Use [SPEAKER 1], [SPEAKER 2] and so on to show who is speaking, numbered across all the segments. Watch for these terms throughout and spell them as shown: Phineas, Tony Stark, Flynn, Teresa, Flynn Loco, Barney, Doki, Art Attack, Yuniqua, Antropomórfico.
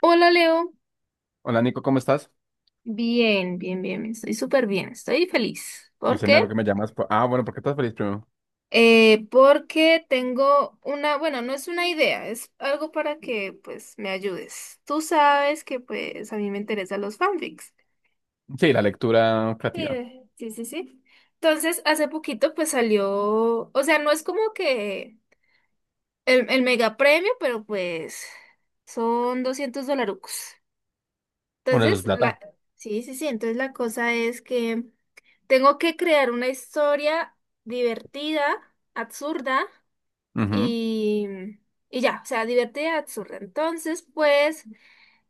[SPEAKER 1] Hola Leo,
[SPEAKER 2] Hola Nico, ¿cómo estás?
[SPEAKER 1] bien, bien, bien, estoy súper bien, estoy feliz.
[SPEAKER 2] Me
[SPEAKER 1] ¿Por
[SPEAKER 2] sé lo
[SPEAKER 1] qué?
[SPEAKER 2] que me llamas. Ah, bueno, ¿por qué estás feliz primero?
[SPEAKER 1] Porque tengo una, bueno, no es una idea, es algo para que pues me ayudes. Tú sabes que pues a mí me interesan los fanfics.
[SPEAKER 2] Sí, la lectura creativa.
[SPEAKER 1] Sí, sí, sí, sí. Entonces, hace poquito pues salió, o sea, no es como que el mega premio, pero pues son 200 dolarucos.
[SPEAKER 2] Bueno, eso es
[SPEAKER 1] Entonces, la,
[SPEAKER 2] plata.
[SPEAKER 1] sí, sí, sí, entonces la cosa es que... Tengo que crear una historia divertida, absurda
[SPEAKER 2] Ujú.
[SPEAKER 1] y, y ya, o sea, divertida, absurda. Entonces, pues,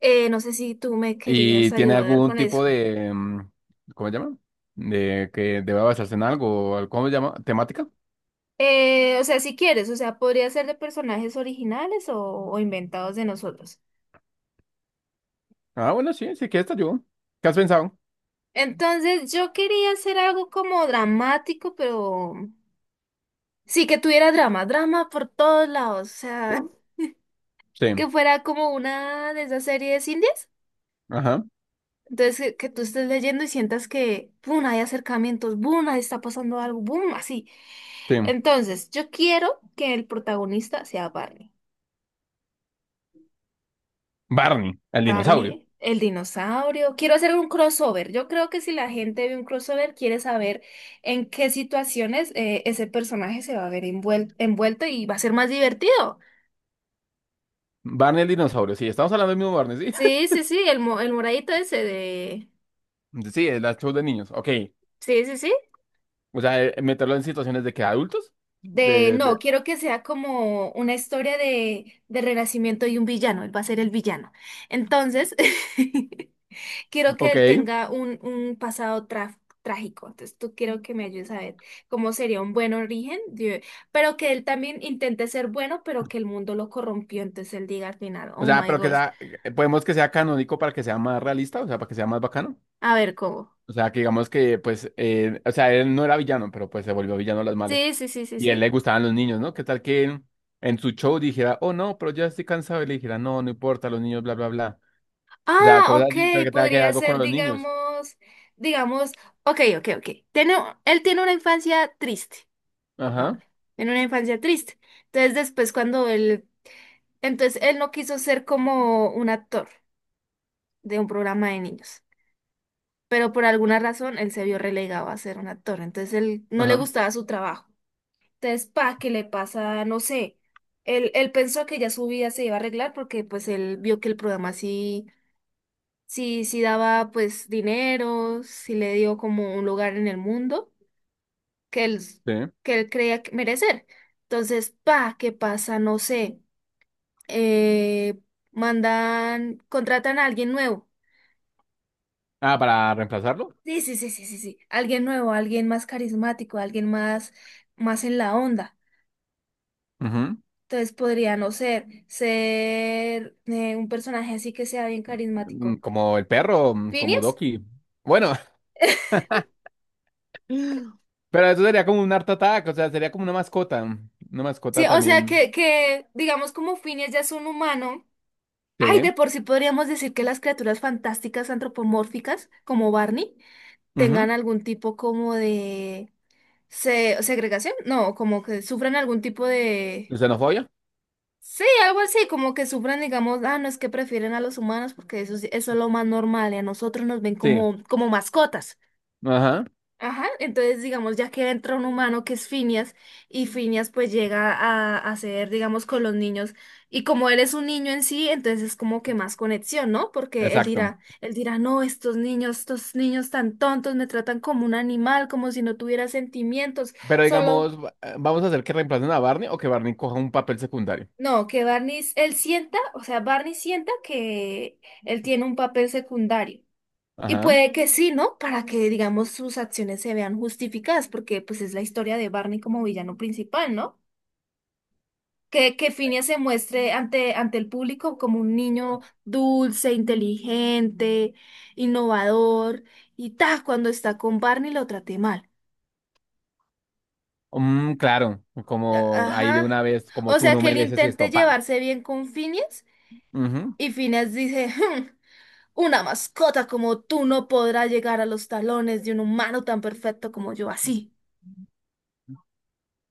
[SPEAKER 1] no sé si tú me querías
[SPEAKER 2] ¿Y tiene
[SPEAKER 1] ayudar
[SPEAKER 2] algún
[SPEAKER 1] con eso.
[SPEAKER 2] tipo de, cómo se llama? De que deba basarse en algo, ¿cómo se llama? ¿Temática?
[SPEAKER 1] O sea, si quieres, o sea, podría ser de personajes originales o inventados de nosotros.
[SPEAKER 2] Ah, bueno, sí, sí, que esta yo. ¿Qué has pensado?
[SPEAKER 1] Entonces, yo quería hacer algo como dramático, pero sí que tuviera drama, drama por todos lados, o sea,
[SPEAKER 2] Sí,
[SPEAKER 1] que fuera como una de esas series indies.
[SPEAKER 2] ajá,
[SPEAKER 1] Entonces, que tú estés leyendo y sientas que, ¡pum!, hay acercamientos, boom ahí está pasando algo, boom así.
[SPEAKER 2] sí.
[SPEAKER 1] Entonces, yo quiero que el protagonista sea Barney.
[SPEAKER 2] Barney, el dinosaurio.
[SPEAKER 1] Barney, el dinosaurio. Quiero hacer un crossover. Yo creo que si la gente ve un crossover, quiere saber en qué situaciones ese personaje se va a ver envuelto y va a ser más divertido.
[SPEAKER 2] Barney el dinosaurio, sí, estamos hablando del mismo Barney, sí.
[SPEAKER 1] Sí, sí, sí, el, el moradito ese de...
[SPEAKER 2] Sí, el show de niños, ok.
[SPEAKER 1] Sí, sí, sí.
[SPEAKER 2] O sea, meterlo en situaciones de que adultos,
[SPEAKER 1] De,
[SPEAKER 2] de, de,
[SPEAKER 1] no, quiero que sea como una historia de renacimiento y un villano, él va a ser el villano. Entonces, quiero que él
[SPEAKER 2] ok.
[SPEAKER 1] tenga un pasado trágico. Entonces, tú quiero que me ayudes a ver cómo sería un buen origen, de- pero que él también intente ser bueno, pero que el mundo lo corrompió. Entonces, él diga al final,
[SPEAKER 2] O
[SPEAKER 1] oh
[SPEAKER 2] sea,
[SPEAKER 1] my
[SPEAKER 2] pero que
[SPEAKER 1] gosh,
[SPEAKER 2] sea, podemos que sea canónico para que sea más realista, o sea, para que sea más bacano.
[SPEAKER 1] a ver cómo.
[SPEAKER 2] O sea, que digamos que, pues, o sea, él no era villano, pero pues se volvió villano a las malas.
[SPEAKER 1] Sí, sí, sí, sí,
[SPEAKER 2] Y a él
[SPEAKER 1] sí.
[SPEAKER 2] le gustaban los niños, ¿no? ¿Qué tal que en su show dijera, oh, no, pero ya estoy cansado? Y le dijera, no, no importa, los niños, bla, bla, bla. O sea,
[SPEAKER 1] Ah,
[SPEAKER 2] cosas
[SPEAKER 1] ok,
[SPEAKER 2] así, pero que tenga que ver
[SPEAKER 1] podría
[SPEAKER 2] algo con
[SPEAKER 1] ser,
[SPEAKER 2] los niños.
[SPEAKER 1] digamos, digamos, ok, ok, ok. Tiene, él tiene una infancia triste.
[SPEAKER 2] Ajá,
[SPEAKER 1] Pongámosle, en una infancia triste. Entonces después cuando él, entonces él no quiso ser como un actor de un programa de niños, pero por alguna razón él se vio relegado a ser un actor, entonces él no le
[SPEAKER 2] ajá,
[SPEAKER 1] gustaba su trabajo. Entonces, pa, ¿qué le pasa? No sé. Él pensó que ya su vida se iba a arreglar porque pues él vio que el programa sí, sí, sí daba pues dinero, sí le dio como un lugar en el mundo que él,
[SPEAKER 2] sí.
[SPEAKER 1] que él creía que merecer. Entonces, pa, ¿qué pasa? No sé. eh, Mandan, contratan a alguien nuevo.
[SPEAKER 2] Ah, ¿para reemplazarlo?
[SPEAKER 1] Sí, sí, sí, sí, sí, sí. Alguien nuevo, alguien más carismático, alguien más, más en la onda.
[SPEAKER 2] Ujú.
[SPEAKER 1] Entonces podría no ser, ser un personaje así que sea bien
[SPEAKER 2] Mm,
[SPEAKER 1] carismático.
[SPEAKER 2] como el perro, mm, como
[SPEAKER 1] ¿Phineas?
[SPEAKER 2] Doki. Bueno, pero eso sería como un Art Attack, o sea, sería como una mascota. Una
[SPEAKER 1] Sí,
[SPEAKER 2] mascota
[SPEAKER 1] o sea
[SPEAKER 2] también.
[SPEAKER 1] que digamos como Phineas ya es un humano. Ay,
[SPEAKER 2] Sí,
[SPEAKER 1] de por sí podríamos decir que las criaturas fantásticas antropomórficas, como Barney,
[SPEAKER 2] ujú.
[SPEAKER 1] tengan algún tipo como de se segregación, no, como que sufren algún tipo
[SPEAKER 2] ¿Y
[SPEAKER 1] de.
[SPEAKER 2] xenofobia?
[SPEAKER 1] Sí, algo así, como que sufren, digamos, ah, no es que prefieren a los humanos porque eso, eso es lo más normal y a nosotros nos ven
[SPEAKER 2] Sí.
[SPEAKER 1] como, como mascotas.
[SPEAKER 2] Ajá.
[SPEAKER 1] Ajá, entonces, digamos, ya que entra un humano que es Phineas y Phineas pues llega a ser, digamos, con los niños y como él es un niño en sí, entonces es como que más conexión, ¿no? Porque
[SPEAKER 2] Exacto.
[SPEAKER 1] él dirá, no, estos niños tan tontos me tratan como un animal, como si no tuviera sentimientos,
[SPEAKER 2] Pero
[SPEAKER 1] solo...
[SPEAKER 2] digamos, vamos a hacer que reemplacen a Barney o que Barney coja un papel secundario.
[SPEAKER 1] No, que Barney, él sienta, o sea, Barney sienta que él tiene un papel secundario. Y
[SPEAKER 2] Ajá.
[SPEAKER 1] puede que sí, ¿no? Para que, digamos, sus acciones se vean justificadas, porque pues es la historia de Barney como villano principal, ¿no? Que Phineas se muestre ante el público como un niño dulce, inteligente, innovador, y ta, cuando está con Barney lo trate mal.
[SPEAKER 2] Mm, claro. Como ahí de
[SPEAKER 1] Ajá.
[SPEAKER 2] una vez, como
[SPEAKER 1] O
[SPEAKER 2] tú
[SPEAKER 1] sea,
[SPEAKER 2] no
[SPEAKER 1] que él
[SPEAKER 2] mereces
[SPEAKER 1] intente
[SPEAKER 2] esto, pa.
[SPEAKER 1] llevarse bien con Phineas,
[SPEAKER 2] Ujú.
[SPEAKER 1] y Phineas dice, "Hmm, una mascota como tú no podrá llegar a los talones de un humano tan perfecto como yo", así.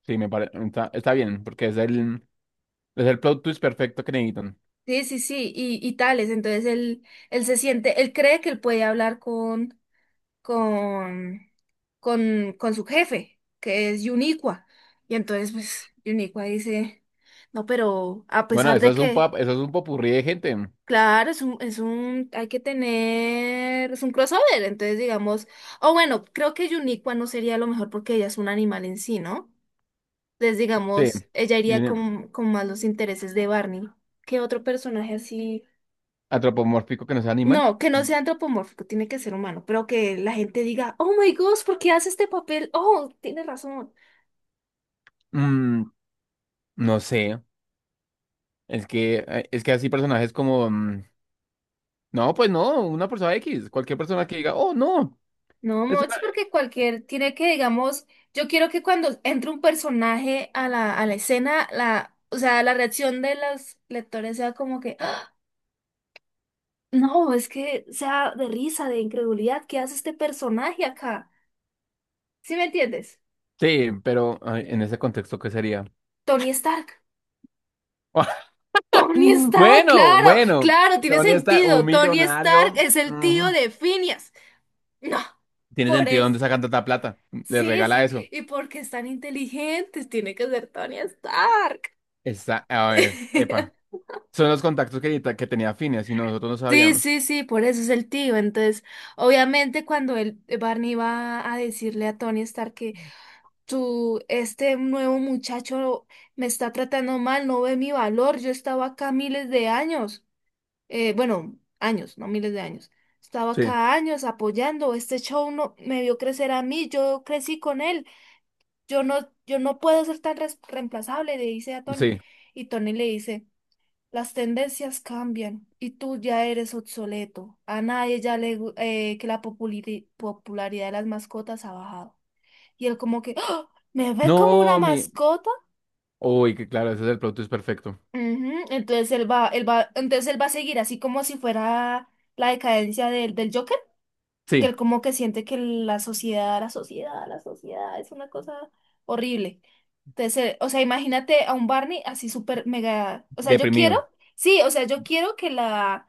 [SPEAKER 2] Sí, me parece. Está bien, porque es es el plot twist perfecto que necesitan.
[SPEAKER 1] Sí, sí, sí, y tales. Entonces él se siente, él cree que él puede hablar con, con su jefe, que es Yuniqua. Y entonces, pues, Yuniqua dice, no, pero a
[SPEAKER 2] Bueno,
[SPEAKER 1] pesar
[SPEAKER 2] eso
[SPEAKER 1] de
[SPEAKER 2] es un
[SPEAKER 1] que,
[SPEAKER 2] eso es un popurrí de gente.
[SPEAKER 1] claro, es un, hay que tener, es un crossover. Entonces, digamos, o bueno, creo que Yuniqua no sería lo mejor porque ella es un animal en sí, ¿no? Entonces,
[SPEAKER 2] Sí,
[SPEAKER 1] digamos, ella iría
[SPEAKER 2] viene.
[SPEAKER 1] con más los intereses de Barney. ¿Qué otro personaje así?
[SPEAKER 2] Antropomórfico que no sea animal.
[SPEAKER 1] No, que no sea antropomórfico, tiene que ser humano, pero que la gente diga, oh my gosh, ¿por qué hace este papel? Oh, tiene razón.
[SPEAKER 2] Mm, no sé. Es que así personajes como, no, pues no, una persona X, cualquier persona que diga, oh, no,
[SPEAKER 1] No,
[SPEAKER 2] es
[SPEAKER 1] Moch,
[SPEAKER 2] una...
[SPEAKER 1] porque cualquier, tiene que, digamos, yo quiero que cuando entre un personaje a la escena, la, o sea, la reacción de los lectores sea como que, "Ah, no", es que sea de risa, de incredulidad, ¿qué hace este personaje acá? ¿Sí me entiendes?
[SPEAKER 2] Sí, pero ay, en ese contexto, ¿qué sería?
[SPEAKER 1] Tony Stark. Tony Stark,
[SPEAKER 2] Bueno,
[SPEAKER 1] claro,
[SPEAKER 2] bueno,
[SPEAKER 1] claro, tiene
[SPEAKER 2] Tony está un
[SPEAKER 1] sentido. Tony Stark
[SPEAKER 2] millonario,
[SPEAKER 1] es el tío
[SPEAKER 2] ujú.
[SPEAKER 1] de Phineas. No,
[SPEAKER 2] Tiene
[SPEAKER 1] por
[SPEAKER 2] sentido dónde
[SPEAKER 1] eso.
[SPEAKER 2] sacan tanta plata. Le
[SPEAKER 1] Sí,
[SPEAKER 2] regala
[SPEAKER 1] sí,
[SPEAKER 2] eso.
[SPEAKER 1] y porque es tan inteligentes, tiene que ser Tony Stark.
[SPEAKER 2] Está, a ver, epa. Son los contactos que tenía Phineas y nosotros no
[SPEAKER 1] Sí,
[SPEAKER 2] sabíamos.
[SPEAKER 1] sí, sí, por eso es el tío. Entonces, obviamente, cuando el Barney va a decirle a Tony Stark que tú, este nuevo muchacho me está tratando mal, no ve mi valor, yo estaba acá miles de años. Bueno, años, no miles de años. Estaba
[SPEAKER 2] Sí,
[SPEAKER 1] cada años apoyando, este show no, me vio crecer a mí, yo crecí con él, yo no, yo no puedo ser tan reemplazable, le dice a Tony.
[SPEAKER 2] sí.
[SPEAKER 1] Y Tony le dice, las tendencias cambian y tú ya eres obsoleto. A nadie ya que la popularidad de las mascotas ha bajado. Y él como que, "¡Ah! ¿me ve como una
[SPEAKER 2] No, mi.
[SPEAKER 1] mascota?".
[SPEAKER 2] Uy, que claro, ese es el plot twist perfecto.
[SPEAKER 1] Ujú, entonces él va, entonces él va a seguir así como si fuera la decadencia del, del Joker. Que
[SPEAKER 2] Sí,
[SPEAKER 1] él como que siente que la sociedad, la sociedad, la sociedad es una cosa horrible. Entonces, o sea, imagínate a un Barney así súper mega, o sea, yo quiero,
[SPEAKER 2] deprimido.
[SPEAKER 1] sí, o sea, yo quiero que la,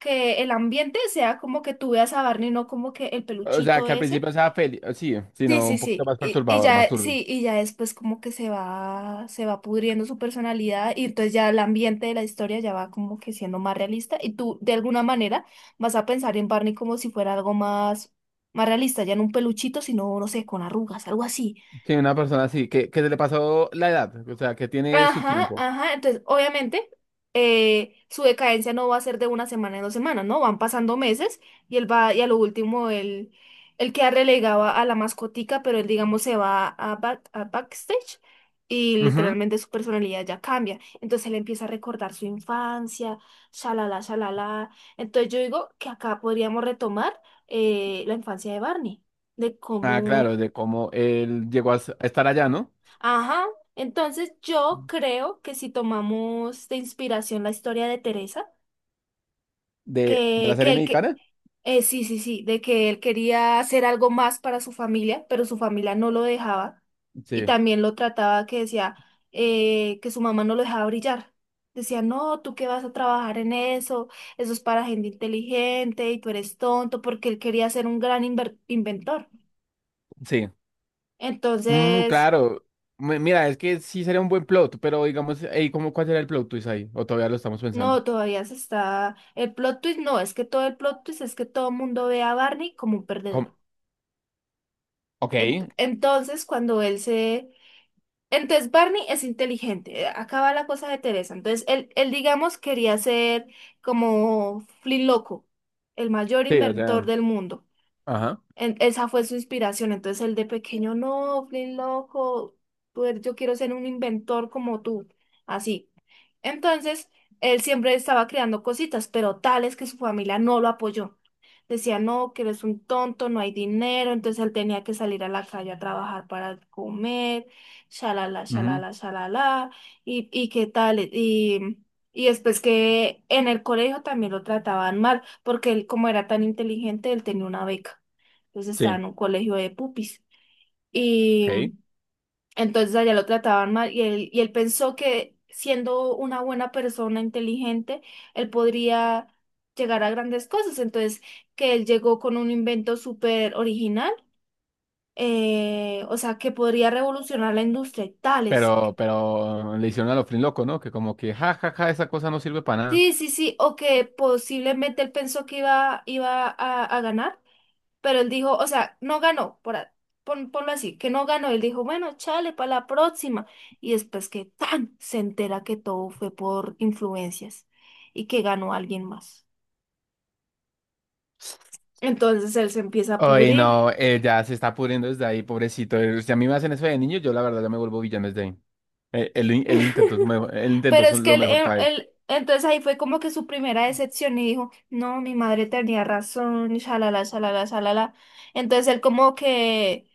[SPEAKER 1] que el ambiente sea como que tú veas a Barney, no como que el
[SPEAKER 2] O sea,
[SPEAKER 1] peluchito
[SPEAKER 2] que al
[SPEAKER 1] ese.
[SPEAKER 2] principio estaba feliz. Sí,
[SPEAKER 1] Sí,
[SPEAKER 2] sino
[SPEAKER 1] sí,
[SPEAKER 2] un poquito
[SPEAKER 1] sí.
[SPEAKER 2] más
[SPEAKER 1] Y
[SPEAKER 2] perturbador, más
[SPEAKER 1] ya,
[SPEAKER 2] turbio.
[SPEAKER 1] sí, y ya después como que se va pudriendo su personalidad y entonces ya el ambiente de la historia ya va como que siendo más realista y tú de alguna manera vas a pensar en Barney como si fuera algo más, más realista, ya no un peluchito, sino, no sé, con arrugas, algo así.
[SPEAKER 2] Sí, una persona así, que se le pasó la edad, o sea, que tiene su
[SPEAKER 1] Ajá,
[SPEAKER 2] tiempo.
[SPEAKER 1] ajá. Entonces, obviamente, su decadencia no va a ser de una semana en 2 semanas, ¿no? Van pasando meses y él va, y a lo último, él queda relegado a la mascotica, pero él, digamos, se va a, a backstage y
[SPEAKER 2] Ujú.
[SPEAKER 1] literalmente su personalidad ya cambia. Entonces, él empieza a recordar su infancia, shalala, shalala. Entonces, yo digo que acá podríamos retomar la infancia de Barney, de
[SPEAKER 2] Ah, claro,
[SPEAKER 1] cómo.
[SPEAKER 2] de cómo él llegó a a estar allá, ¿no?
[SPEAKER 1] Ajá, entonces yo creo que si tomamos de inspiración la historia de Teresa,
[SPEAKER 2] De la
[SPEAKER 1] que
[SPEAKER 2] serie
[SPEAKER 1] él que,
[SPEAKER 2] mexicana.
[SPEAKER 1] sí, sí, sí, de que él quería hacer algo más para su familia, pero su familia no lo dejaba y
[SPEAKER 2] Sí,
[SPEAKER 1] también lo trataba que decía que su mamá no lo dejaba brillar. Decía, no, tú qué vas a trabajar en eso, eso es para gente inteligente y tú eres tonto, porque él quería ser un gran inventor.
[SPEAKER 2] sí. Mm,
[SPEAKER 1] Entonces...
[SPEAKER 2] claro. Mira, es que sí sería un buen plot, pero digamos, ey, ¿cómo, cuál será el plot twist ahí? O todavía lo estamos pensando.
[SPEAKER 1] No, todavía se está. El plot twist no, es que todo el plot twist es que todo el mundo ve a Barney como un perdedor.
[SPEAKER 2] ¿Cómo?
[SPEAKER 1] Ent-
[SPEAKER 2] Ok.
[SPEAKER 1] entonces, cuando él se. Entonces, Barney es inteligente. Acá va la cosa de Teresa. Entonces, él digamos, quería ser como Flynn Loco, el mayor
[SPEAKER 2] Sí, o
[SPEAKER 1] inventor
[SPEAKER 2] sea,
[SPEAKER 1] del mundo.
[SPEAKER 2] ajá,
[SPEAKER 1] Esa fue su inspiración. Entonces él de pequeño, no, Flynn, loco, tú eres- yo quiero ser un inventor como tú. Así. Entonces, él siempre estaba creando cositas, pero tales que su familia no lo apoyó. Decía, no, que eres un tonto, no hay dinero. Entonces él tenía que salir a la calle a trabajar para comer, shalala,
[SPEAKER 2] ujú.
[SPEAKER 1] shalala, shalala, y qué tal. Y después que en el colegio también lo trataban mal, porque él, como era tan inteligente, él tenía una beca. Entonces estaba
[SPEAKER 2] Sí,
[SPEAKER 1] en un colegio de pupis. Y
[SPEAKER 2] ok.
[SPEAKER 1] entonces allá lo trataban mal y él pensó que siendo una buena persona inteligente, él podría llegar a grandes cosas. Entonces, que él llegó con un invento súper original, o sea, que podría revolucionar la industria y tales.
[SPEAKER 2] Pero le hicieron a lo Flynn loco, ¿no? Que como que, ja, ja, ja, esa cosa no sirve para nada.
[SPEAKER 1] Sí, sí, sí, o que posiblemente él pensó que iba, iba a ganar. Pero él dijo, o sea, no ganó, por, a- ponlo así, que no ganó. Él dijo, bueno, chale, para la próxima. Y después que tan se entera que todo fue por influencias y que ganó alguien más. Entonces él se empieza a
[SPEAKER 2] Ay,
[SPEAKER 1] pudrir.
[SPEAKER 2] no, ya se está pudriendo desde ahí, pobrecito. Si a mí me hacen eso de niño, yo la verdad ya me vuelvo villano desde ahí. Él, in- él intentó su mejo- él intentó
[SPEAKER 1] Pero
[SPEAKER 2] su-
[SPEAKER 1] es que
[SPEAKER 2] lo
[SPEAKER 1] él,
[SPEAKER 2] mejor para él.
[SPEAKER 1] entonces ahí fue como que su primera decepción y dijo, no, mi madre tenía razón, y shalala, shalala, shalala. Entonces él como que,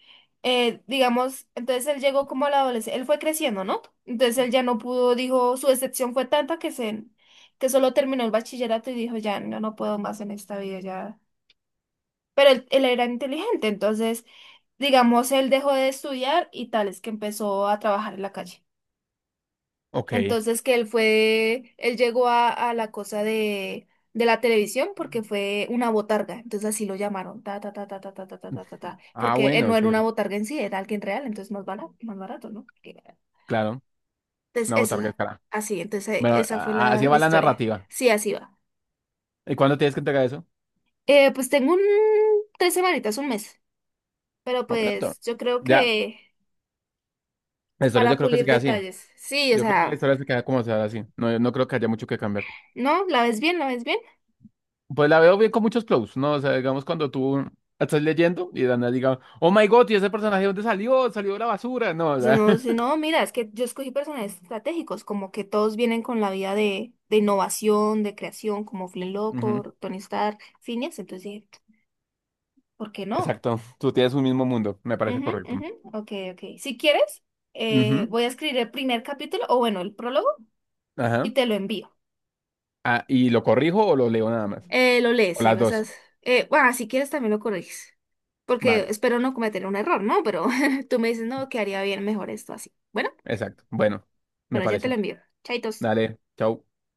[SPEAKER 1] digamos, entonces él llegó como a la adolescencia, él fue creciendo, ¿no? Entonces él ya no pudo, dijo, su decepción fue tanta que se, que solo terminó el bachillerato y dijo, ya, no, no puedo más en esta vida, ya. Pero él era inteligente, entonces, digamos, él dejó de estudiar y tal, es que empezó a trabajar en la calle.
[SPEAKER 2] Ok.
[SPEAKER 1] Entonces que él fue, él llegó a la cosa de la televisión porque fue una botarga, entonces así lo llamaron, ta, ta, ta, ta, ta, ta, ta, ta, ta, ta, ta,
[SPEAKER 2] Ah,
[SPEAKER 1] porque él
[SPEAKER 2] bueno,
[SPEAKER 1] no era
[SPEAKER 2] sí,
[SPEAKER 1] una botarga en sí, era alguien real, entonces más barato, ¿no? Que-
[SPEAKER 2] claro.
[SPEAKER 1] Entonces,
[SPEAKER 2] Una
[SPEAKER 1] eso,
[SPEAKER 2] botarga cara.
[SPEAKER 1] así, entonces
[SPEAKER 2] Bueno,
[SPEAKER 1] esa fue
[SPEAKER 2] así
[SPEAKER 1] la, la
[SPEAKER 2] va la
[SPEAKER 1] historia.
[SPEAKER 2] narrativa.
[SPEAKER 1] Sí, así va.
[SPEAKER 2] ¿Y cuándo tienes que entregar eso?
[SPEAKER 1] Pues tengo un, 3 semanitas, un mes, pero
[SPEAKER 2] Un minuto.
[SPEAKER 1] pues yo creo
[SPEAKER 2] Ya,
[SPEAKER 1] que
[SPEAKER 2] la historia
[SPEAKER 1] para
[SPEAKER 2] yo creo que se
[SPEAKER 1] pulir
[SPEAKER 2] queda así.
[SPEAKER 1] detalles, sí, o
[SPEAKER 2] Yo creo que la
[SPEAKER 1] sea,
[SPEAKER 2] historia se queda como sea así. No, no creo que haya mucho que cambiar.
[SPEAKER 1] ¿no? ¿La ves bien? ¿La ves bien?
[SPEAKER 2] Pues la veo bien con muchos close, ¿no? O sea, digamos cuando tú estás leyendo y de la nada diga, oh my God, ¿y ese personaje dónde salió? Salió de la basura. No, o
[SPEAKER 1] Si
[SPEAKER 2] sea.
[SPEAKER 1] no, si no, mira, es que yo escogí personajes estratégicos, como que todos vienen con la vida de innovación, de creación, como Flynn Loco, Tony Stark, Phineas, entonces dije, ¿por qué no?
[SPEAKER 2] Exacto, tú tienes un mismo mundo, me parece
[SPEAKER 1] Ujú,
[SPEAKER 2] correcto.
[SPEAKER 1] ujú, ok, ok. Si quieres,
[SPEAKER 2] Ujú,
[SPEAKER 1] voy a escribir el primer capítulo, o bueno, el prólogo,
[SPEAKER 2] ajá.
[SPEAKER 1] y te lo envío.
[SPEAKER 2] Ah, ¿y lo corrijo o lo leo nada más?
[SPEAKER 1] Lo
[SPEAKER 2] O
[SPEAKER 1] lees y
[SPEAKER 2] las
[SPEAKER 1] vas a...
[SPEAKER 2] dos.
[SPEAKER 1] bueno, si quieres también lo corriges, porque
[SPEAKER 2] Vale,
[SPEAKER 1] espero no cometer un error, ¿no? Pero tú me dices, no, quedaría bien mejor esto así. Bueno,
[SPEAKER 2] exacto. Bueno, me
[SPEAKER 1] bueno, ya te
[SPEAKER 2] parece.
[SPEAKER 1] lo envío. Chaitos.
[SPEAKER 2] Dale, chao.